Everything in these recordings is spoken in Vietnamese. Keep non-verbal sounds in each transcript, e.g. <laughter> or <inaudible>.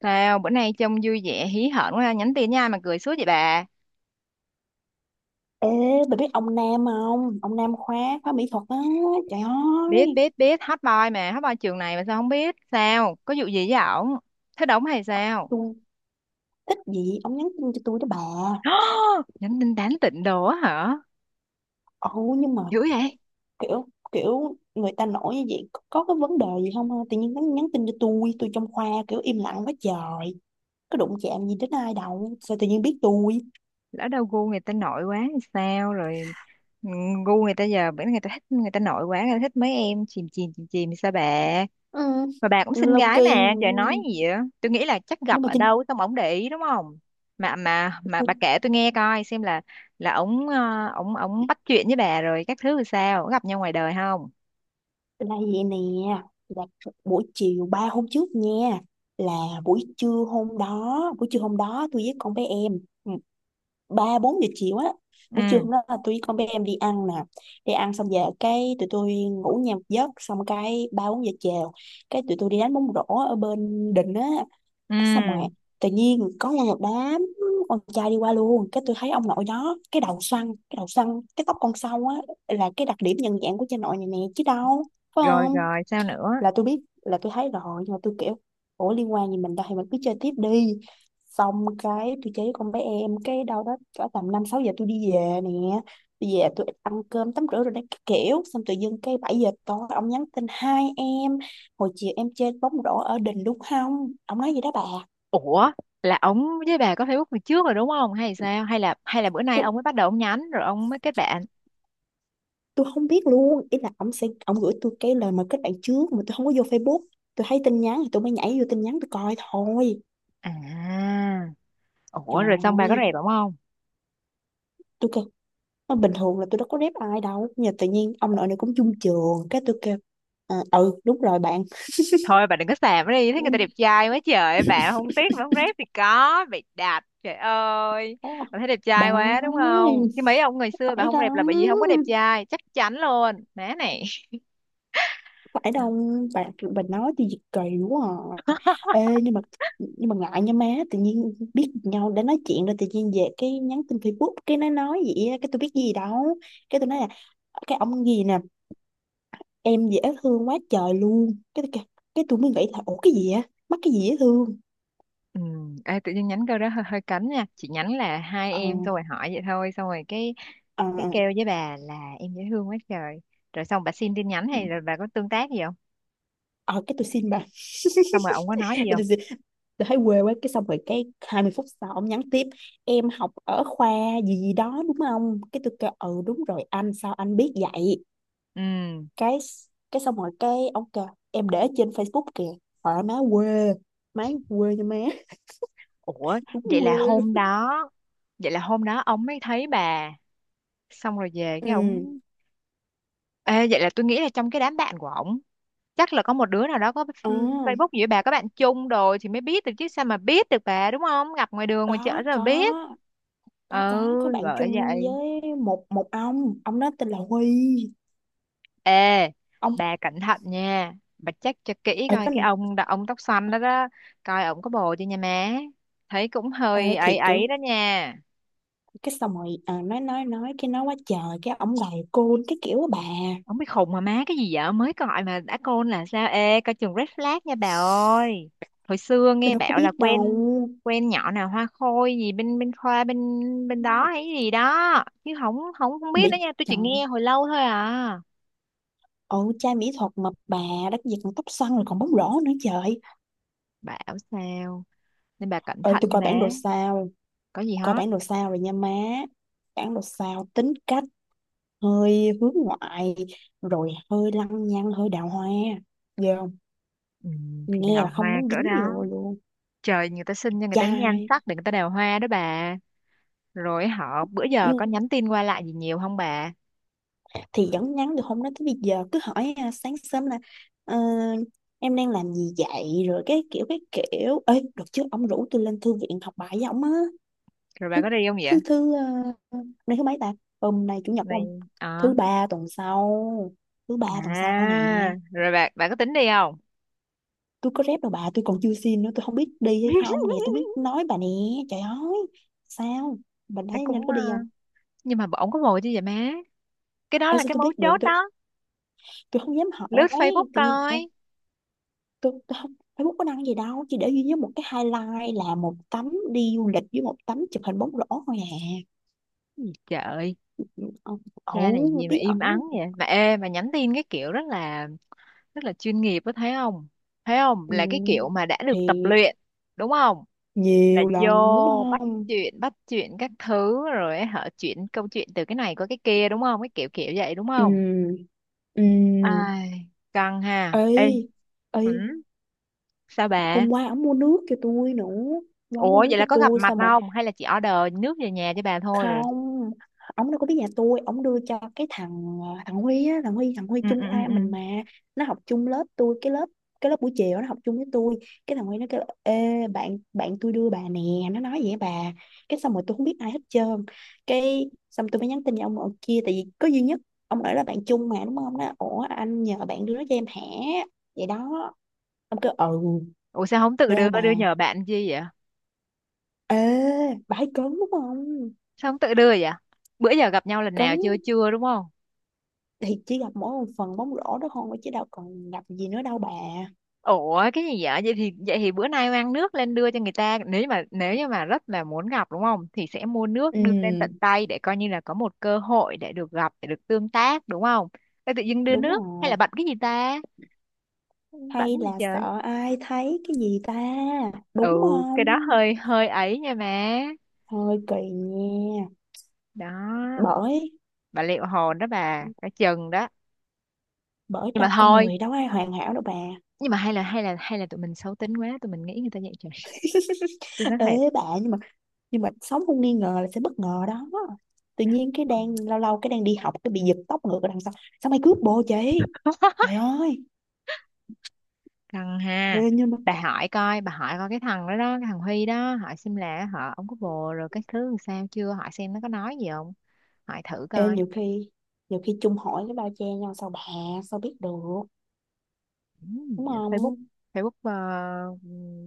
Sao bữa nay trông vui vẻ hí hởn quá ha, nhắn tin nha mà cười suốt vậy bà. Ê, bà biết ông Nam không? Ông Nam khóa khóa mỹ thuật á. Trời Biết ơi, biết biết hot boy mà, hot boy trường này mà sao không biết? Sao? Có vụ gì với ổng? Thế đóng hay sao? tôi thích gì ông nhắn tin cho tôi đó bà. Nhắn tin tán tỉnh đồ á hả? Ồ, nhưng mà Dữ vậy? kiểu kiểu người ta nổi như vậy có cái vấn đề gì không? Ha? Tự nhiên nhắn tin cho tôi trong khoa kiểu im lặng quá trời. Có đụng chạm gì đến ai đâu, sao tự nhiên biết tôi? Lỡ đâu gu người ta nội quá thì sao rồi? ừ, Gu người ta giờ bữa nay người ta thích người ta nội quá, người ta thích mấy em chìm chìm chìm chìm thì sao bà? Ừ, Mà bà cũng xinh lâu gái kỳ mà, trời nói gì vậy? Tôi nghĩ là chắc nhưng gặp mà ở trên đâu xong ổng để ý đúng không? Mà bà tôi kể tôi nghe coi xem là ổng ờ, ổng ổng bắt chuyện với bà rồi các thứ sao, có gặp nhau ngoài đời không? là vậy nè, là buổi chiều 3 hôm trước nha. Là buổi trưa hôm đó tôi với con bé em, ừ, 3-4 giờ chiều á. Buổi trưa Ừ, hôm đó là tôi với con bé em đi ăn nè, đi ăn xong về cái tụi tôi ngủ nhà một giấc, xong cái 3-4 giờ chiều cái tụi tôi đi đánh bóng rổ ở bên đình á. ừ, Cái xong rồi tự nhiên có một đám con trai đi qua luôn, cái tôi thấy ông nội đó, cái đầu xoăn cái tóc con sâu á, là cái đặc điểm nhận dạng của cha nội này nè chứ đâu phải rồi không. rồi, sao nữa? Là tôi biết, là tôi thấy rồi, nhưng mà tôi kiểu ủa liên quan gì mình đâu thì mình cứ chơi tiếp đi. Xong cái tôi chơi với con bé em cái đâu đó cỡ tầm 5-6 giờ tôi đi về nè, tôi về tôi ăn cơm tắm rửa rồi đấy, cái kiểu xong tự dưng cái 7 giờ tối ông nhắn tin, hai em hồi chiều em chơi bóng rổ ở đình đúng không, ông nói gì đó bà. Ủa, là ổng với bà có Facebook từ trước rồi đúng không? Hay sao? Hay là bữa nay tôi ông mới bắt đầu ông nhắn rồi ông mới kết bạn? tôi không biết luôn, ý là ông sẽ ông gửi tôi cái lời mời kết bạn trước mà tôi không có vô Facebook, tôi thấy tin nhắn thì tôi mới nhảy vô tin nhắn tôi coi thôi. À, Trời ủa rồi xong bà có ơi, rep ổng không? tôi kêu mà bình thường là tôi đâu có rep ai đâu nhưng mà tự nhiên ông nội này cũng chung trường, cái tôi kêu ừ đúng rồi bạn Thôi bà đừng có xàm nó đi, thấy người ta đẹp trai quá trời bà không tiếc, bà không rep thì có bị đạp trời ơi. đó. Bà thấy đẹp trai Bà quá đúng ơi, không, chứ mấy ông ngày xưa bà phải không rep đó là bởi vì không có đẹp trai chắc chắn luôn má này. phải Đó. đâu bà bà nói tôi gì kỳ quá à. Ê, nhưng mà ngại nha má, tự nhiên biết nhau đã nói chuyện rồi tự nhiên về cái nhắn tin Facebook cái nó nói vậy á, cái tôi biết gì đâu. Cái tôi nói là cái ông gì nè em dễ thương quá trời luôn, cái tôi kêu- cái tôi mới nghĩ là ủa cái gì á, mắc cái gì dễ thương. Ừ, ê, tự nhiên nhánh câu đó hơi, hơi cấn nha chị, nhánh là hai Ờ, em tôi hỏi vậy thôi, xong rồi ờ, cái ờ. kêu với bà là em dễ thương quá trời. Rồi xong bà xin tin nhắn hay rồi bà có tương tác gì không? Ờ cái tôi xin bà <laughs> Xong rồi ông có nói cái gì không? tôi xin, tôi thấy quê quá. Cái xong rồi cái 20 phút sau ông nhắn tiếp, em học ở khoa gì gì đó đúng không, cái tôi kêu ừ đúng rồi anh, sao anh biết vậy. Ừ. Cái cái xong rồi cái ông kêu em để trên Facebook kìa, hỏi má quê, má quê nha má. Ủa <laughs> Đúng vậy là quê luôn. hôm đó, vậy là hôm đó ông mới thấy bà xong rồi về cái Ừ, ổng. Ê, vậy là tôi nghĩ là trong cái đám bạn của ổng chắc là có một đứa nào đó có à, Facebook giữa bà, có bạn chung rồi thì mới biết được, chứ sao mà biết được bà đúng không, gặp ngoài đường ngoài chợ có sao mà có biết. có Ừ, có có bạn bởi chung vậy. với một một ông đó tên là Huy. Ê, Ông bà cẩn thận nha, bà check cho kỹ ở coi, cái cái ông đó ông tóc xanh đó đó, coi ổng có bồ chưa nha má, thấy cũng ê, hơi ấy thiệt ấy kiểu đó nha. cái xong rồi, nói cái nói quá trời cái ổng gầy côn cái kiểu á bà. Ông biết khùng mà má cái gì vậy? Mới gọi mà đã côn là sao? Ê, coi chừng red flag nha bà ơi. Hồi xưa Tôi nghe đâu có bảo biết là đâu. quen, quen nhỏ nào hoa khôi gì bên bên khoa bên bên đó hay gì đó, chứ không không không biết Mỹ, nữa nha, tôi chỉ trời nghe hồi lâu thôi à. ồ, trai mỹ thuật mà bà, đất gì còn tóc xoăn rồi còn bóng rổ nữa. Trời Bảo sao, nên bà cẩn ơi, thận tôi nha coi bản bé, đồ sao, có gì coi hết. bản đồ sao rồi nha má. Bản đồ sao tính cách hơi hướng ngoại, rồi hơi lăng nhăng hơi đào hoa, giờ Ừ, thì nghe đào là không hoa muốn cỡ dính đó, vô luôn. trời người ta xin cho người ta cái nhan Trai sắc để người ta đào hoa đó bà. Rồi họ bữa giờ nhưng có nhắn tin qua lại gì nhiều không bà? thì vẫn nhắn được, không nói tới bây giờ cứ hỏi sáng sớm là "Ờ, em đang làm gì vậy", rồi cái kiểu ơi được chứ ông rủ tôi lên thư viện học bài với ông á. Rồi bà thứ có đi không vậy? thứ thứ ờ, nay thứ mấy ta? Hôm nay chủ nhật của ông, Này. thứ ba tuần sau, thứ ba À, tuần sau nè. rồi bạn bạn có tính đi không? Tôi có rep đâu bà, tôi còn chưa xin nữa, tôi không biết đi hay không nè, tôi mới <laughs> nói bà nè. Trời ơi, sao bà Thấy thấy nên cũng có đi không? nhưng mà ổng có vội chứ vậy má. Cái đó Ơ là sao cái tôi mấu biết được, chốt tôi đó. tôi không dám Lướt hỏi Facebook tự nhiên thôi. coi. Tôi không Facebook có đăng gì đâu, chỉ để duy nhất một cái highlight là một tấm đi du lịch với một tấm chụp hình bóng rổ thôi à. Gì trời, Ông cha này ẩu gì mà bí im ắng ẩu. vậy? Mà ê mà nhắn tin cái kiểu rất là chuyên nghiệp, có thấy không? Thấy không? Ừ, Là cái kiểu mà đã thì được tập luyện, đúng không? Là nhiều lần đúng vô bắt không. chuyện bắt chuyện các thứ rồi họ chuyển câu chuyện từ cái này qua cái kia đúng không? Cái kiểu kiểu vậy đúng không? Ừ, ừ. Ai, căng ha. Ê, Ê, ê, ừ, sao bà? hôm qua ổng mua nước cho tôi nữa, hôm qua ổng mua Ủa nước vậy là cho có gặp tôi mặt xong rồi. không? Hay là chỉ order nước về nhà cho bà thôi rồi? Không, ông đâu có biết nhà tôi, ông đưa cho cái thằng thằng Huy á, thằng Huy Ừ, chung ừ, ừ. khoa Ừ. mình mà, nó học chung lớp tôi cái lớp, cái lớp buổi chiều nó học chung với tôi. Cái thằng Huy nó kêu là, ê bạn, tôi đưa bà nè, nó nói vậy bà. Cái xong rồi tôi không biết ai hết trơn, cái xong tôi mới nhắn tin cho ông ở kia tại vì có duy nhất ông ở là bạn chung mà đúng không, nó ủa anh nhờ bạn đưa nó cho em hả, vậy đó. Ông kêu ừ Ủa sao không tự đưa, đưa bà. đưa nhờ bạn chi vậy? Ê bà ấy cấn đúng không, Sao không tự đưa vậy? Bữa giờ gặp nhau lần cấn nào chưa? Chưa đúng không? thì chỉ gặp mỗi một phần bóng rổ đó thôi chứ đâu còn gặp gì nữa đâu bà. Ủa cái gì vậy? Vậy thì bữa nay mang nước lên đưa cho người ta. Nếu như mà rất là muốn gặp đúng không? Thì sẽ mua nước Ừ, đưa lên tận tay để coi như là có một cơ hội để được gặp, để được tương tác đúng không? Ê, tự dưng đưa đúng nước hay rồi, là bận cái gì ta? Bận hay gì là trời? sợ ai thấy cái gì ta, Ừ, đúng cái đó không, hơi hơi ấy nha má. hơi kỳ nha. Đó. bởi Bà liệu hồn đó bà, cả chừng đó bởi nhưng mà đâu con thôi, người đâu ai hoàn hảo đâu bà. nhưng mà hay là hay là hay là tụi mình xấu tính quá tụi mình nghĩ người ta vậy trời. <laughs> Tôi <laughs> nói Ê thiệt. bà, nhưng mà sống không nghi ngờ là sẽ bất ngờ đó, tự nhiên cái Ừ. đang lâu lâu cái đang đi học cái bị giật tóc ngược ở đằng sau, sao mày cướp bồ chị. Trời <laughs> ơi. Căng ha. Ê, nhưng mà. Bà hỏi coi, bà hỏi coi cái thằng đó đó, cái thằng Huy đó, hỏi xem là họ ông có bồ rồi cái thứ làm sao chưa, hỏi xem nó có nói gì không, hỏi thử Ê, coi. nhiều khi chung hỏi cái bao che nhau sao bà, sao biết được, Ừ, đúng Facebook không. Facebook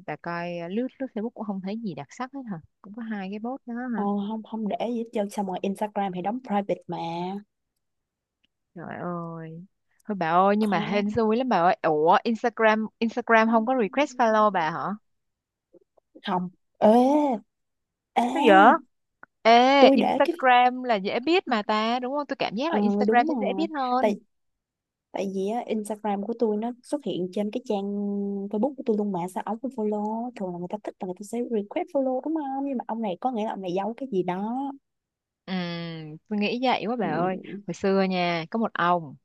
bà coi lướt lướt Facebook cũng không thấy gì đặc sắc hết hả, cũng có hai cái post đó hả? Ờ, không không để gì hết trơn sao, mà Instagram thì đóng private mà. Trời ơi. Thôi bà ơi, nhưng mà hên Không, xui lắm bà ơi. Ủa, Instagram Instagram không có request follow bà hả? không. Ê, Sao vậy? ê, Ê, tôi để cái Instagram là dễ biết mà ta, đúng không? Tôi cảm giác là ờ Instagram đúng sẽ dễ rồi, biết hơn. tại tại vì á, Instagram của tôi nó xuất hiện trên cái trang Facebook của tôi luôn mà sao ông cũng follow, thường là người ta thích là người ta sẽ request follow đúng không, nhưng mà ông này có nghĩa là ông này giấu cái gì đó. Ừ, tôi nghĩ vậy quá bà ơi. Ừ, Hồi xưa nha, có một ông,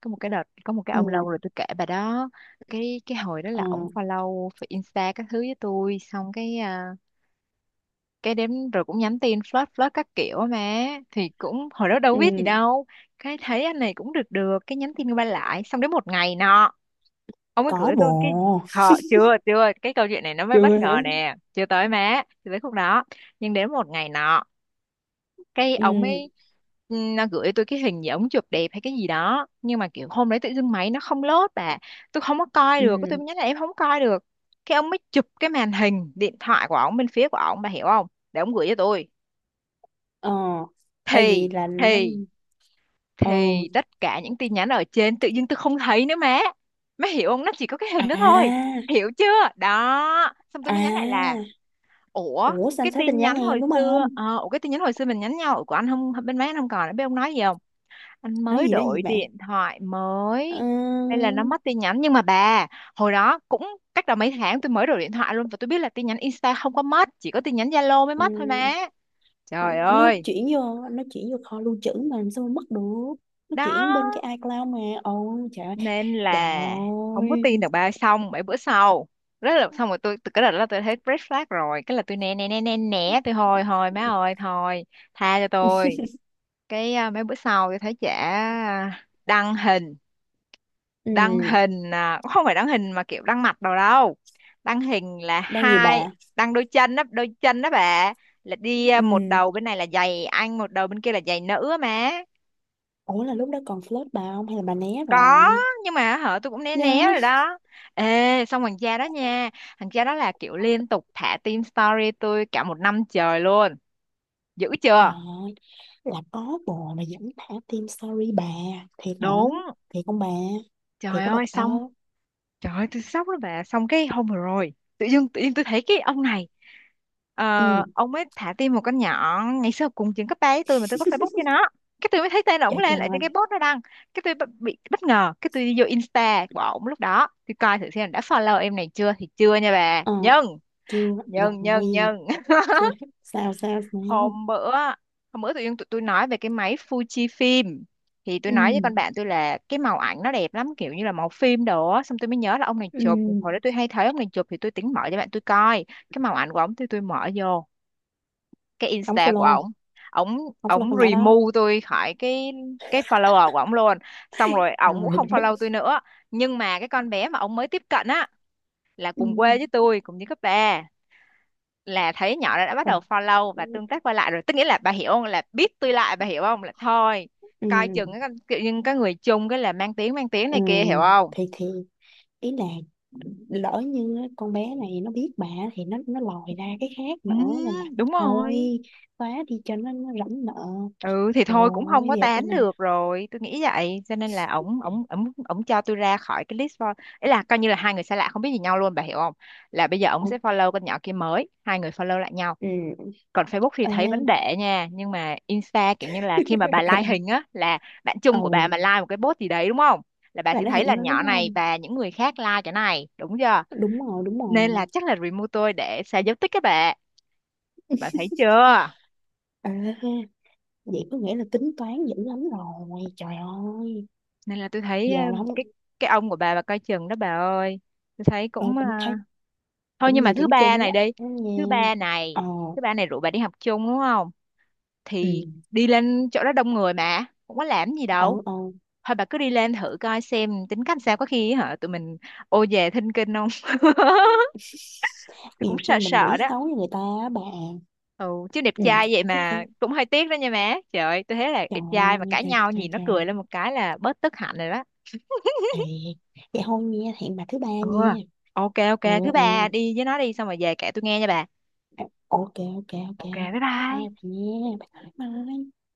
có một cái đợt, có một cái ông lâu ừ. rồi tôi kể bà đó. Cái hồi đó Ờ, là ổng follow Insta các thứ với tôi, xong cái cái đến rồi cũng nhắn tin flirt flirt các kiểu mà thì cũng hồi đó đâu ừ biết gì đâu, cái thấy anh này cũng được được, cái nhắn tin qua lại, xong đến một ngày nọ ông ấy có gửi tôi cái, bộ khờ chưa, chưa cái câu chuyện này nó mới bất chưa ngờ hả. nè, chưa tới má, chưa tới khúc đó. Nhưng đến một ngày nọ cái Ừ, ông ấy, ừ, nó gửi tôi cái hình gì ống chụp đẹp hay cái gì đó, nhưng mà kiểu hôm đấy tự dưng máy nó không lốt bà, tôi không có coi được, cái tôi ừ. mới nhắn là em không coi được. Cái ông mới chụp cái màn hình điện thoại của ông bên phía của ông, bà hiểu không, để ông gửi cho tôi. Ờ, à, vậy thì là nó. thì Ờ, thì tất cả những tin nhắn ở trên tự dưng tôi không thấy nữa má, má hiểu không, nó chỉ có cái à, hình đó thôi, hiểu chưa đó. Xong tôi mới nhắn lại là à, ủa ủa sao anh cái xóa tin tin nhắn nhắn em hồi đúng xưa, không, ủa cái tin nhắn hồi xưa mình nhắn nhau ủa của anh không, bên má anh không còn nữa bên, ông nói gì không, anh nói mới gì nói gì đổi bạn. điện thoại Ờ, mới nên là nó mất tin nhắn. Nhưng mà bà, hồi đó cũng cách đó mấy tháng tôi mới đổi điện thoại luôn, và tôi biết là tin nhắn Insta không có mất, chỉ có tin nhắn Zalo mới mất thôi má. ừ, Trời nó ơi. chuyển vô, nó chuyển vô kho lưu trữ mà làm sao mà mất được, nó chuyển bên Đó. cái iCloud mà. Ôi trời ơi, Nên trời là không có ơi. tin được ba. Xong bảy bữa sau rất là, xong rồi tôi từ cái đợt đó tôi thấy red flag rồi, cái là tôi né né né né né, tôi thôi thôi má ơi thôi, tha cho tôi. Cái mấy bữa sau tôi thấy chả đăng hình, Ừ, đăng hình cũng không phải đăng hình mà kiểu đăng mặt đâu đâu, đăng hình là đang gì hai, bà. đăng đôi chân đó, đôi chân đó bà, là đi Ừ, một đầu bên này là giày anh, một đầu bên kia là giày nữ á má. ủa là lúc đó còn flirt bà không hay là bà né Có rồi, nhưng mà hả, tôi cũng né né nhớ. rồi đó. Ê, xong thằng cha đó nha, thằng cha đó là kiểu liên tục thả team story tôi cả một năm trời luôn, dữ Trời chưa, ơi, là có bồ mà vẫn thả tim, sorry bà, thiệt hả? đúng. Thiệt không bà? Thiệt Trời có bà ơi xong, thơ? trời ơi tôi sốc lắm bà. Xong cái hôm vừa rồi tự dưng tự nhiên tôi thấy cái ông này, ờ, Ừ, ông ấy thả tim một con nhỏ ngày xưa cùng trường cấp ba với tôi mà tôi có Facebook cho nó, cái tôi mới thấy tên ổng trời lên lại trên trời, cái post nó đăng, cái tôi bất-, bị bất ngờ, cái tôi đi vô Insta của ổng lúc đó, tôi coi thử xem đã follow em này chưa thì chưa nha bà. ờ, Nhưng chưa, nhân nhân rồi, nhân chưa, sao sao sao? hôm bữa, hôm bữa tự nhiên tụi tôi nói về cái máy Fujifilm thì tôi Ừ, nói với con bạn tôi là cái màu ảnh nó đẹp lắm kiểu như là màu phim đồ á, xong tôi mới nhớ là ông này ừ, chụp hồi đó, tôi hay thấy ông này chụp thì tôi tính mở cho bạn tôi coi cái màu ảnh của ông, thì tôi mở vô cái đóng Insta của follow, ổng, ổng đóng follow ổng con nhỏ đó, remove tôi khỏi cái follower của ổng luôn, xong rồi ổng cũng trời <laughs> không đất, follow tôi nữa. Nhưng mà cái con bé mà ổng mới tiếp cận á là ừ, cùng quê với tôi, cùng với cấp ba, là thấy nhỏ đó đã bắt đầu là, follow và ừ, tương tác qua lại rồi, tức nghĩa là bà hiểu không, là biết tôi lại, bà hiểu không, là thôi ừ, coi chừng cái con-, kiểu như cái người chung cái là mang tiếng ừ, này kia hiểu không. thì ý là lỡ như á, con bé này nó biết bà thì nó lòi ra cái khác Ừ nữa, nên là đúng thôi rồi. xóa đi cho nó rảnh nợ. Ừ thì Trời thôi cũng không ơi, có đẹp tán tên này. được rồi tôi nghĩ vậy, cho nên là ổng ổng ổng ổng cho tôi ra khỏi cái list follow, ấy là coi như là hai người xa lạ không biết gì nhau luôn, bà hiểu không, là bây giờ ổng Ủa, sẽ follow con nhỏ kia, mới hai người follow lại nhau. ừ. Còn Facebook thì Ê. thấy vẫn để nha, nhưng mà Insta kiểu như là khi mà bà like hình <laughs> á là bạn Ồ, chung của bà mà like một cái post gì đấy đúng không, là bà là sẽ nó thấy là hiện lên đúng nhỏ này không? và những người khác like cái này đúng chưa, Đúng rồi, đúng nên là rồi. chắc là remove tôi để xóa dấu tích các bạn, bà thấy chưa. Ê, vậy có nghĩa là tính toán dữ lắm rồi. Trời ơi, Nên là tôi thấy giờ là không, cái cái ông của bà coi chừng đó bà ơi, tôi thấy ờ, cũng cũng thấy thôi cũng nhưng mà nhiều thứ điểm ba chung với này đi, anh nha. thứ ba này, Ờ, thứ ba này rủ bà đi học chung đúng không, thì ừ, đi lên chỗ đó đông người mà cũng có làm gì ờ, đâu, ờ. thôi bà cứ đi lên thử coi xem tính cách sao, có khi hả tụi mình ô về thinh kinh không. <laughs> <laughs> Tôi cũng Nhiều sợ khi mình sợ nghĩ đó. xấu với người ta á bà. Ừ, chứ đẹp Ừ, trai vậy chắc phải. mà cũng hơi tiếc đó nha má, trời ơi tôi thấy là Trời đẹp trai mà ơi, cãi trời, nhau trời, nhìn nó trời. cười lên một cái là bớt tức hạnh rồi đó. Thì vậy thôi nha, hẹn bà thứ ba Ừ, nha. ok ok Ừ, thứ ừ. ba đi với nó đi xong rồi về kể tôi nghe nha bà. Ok ok ok, Ok bye bye bye. bye, bạn nha, bye bye bye.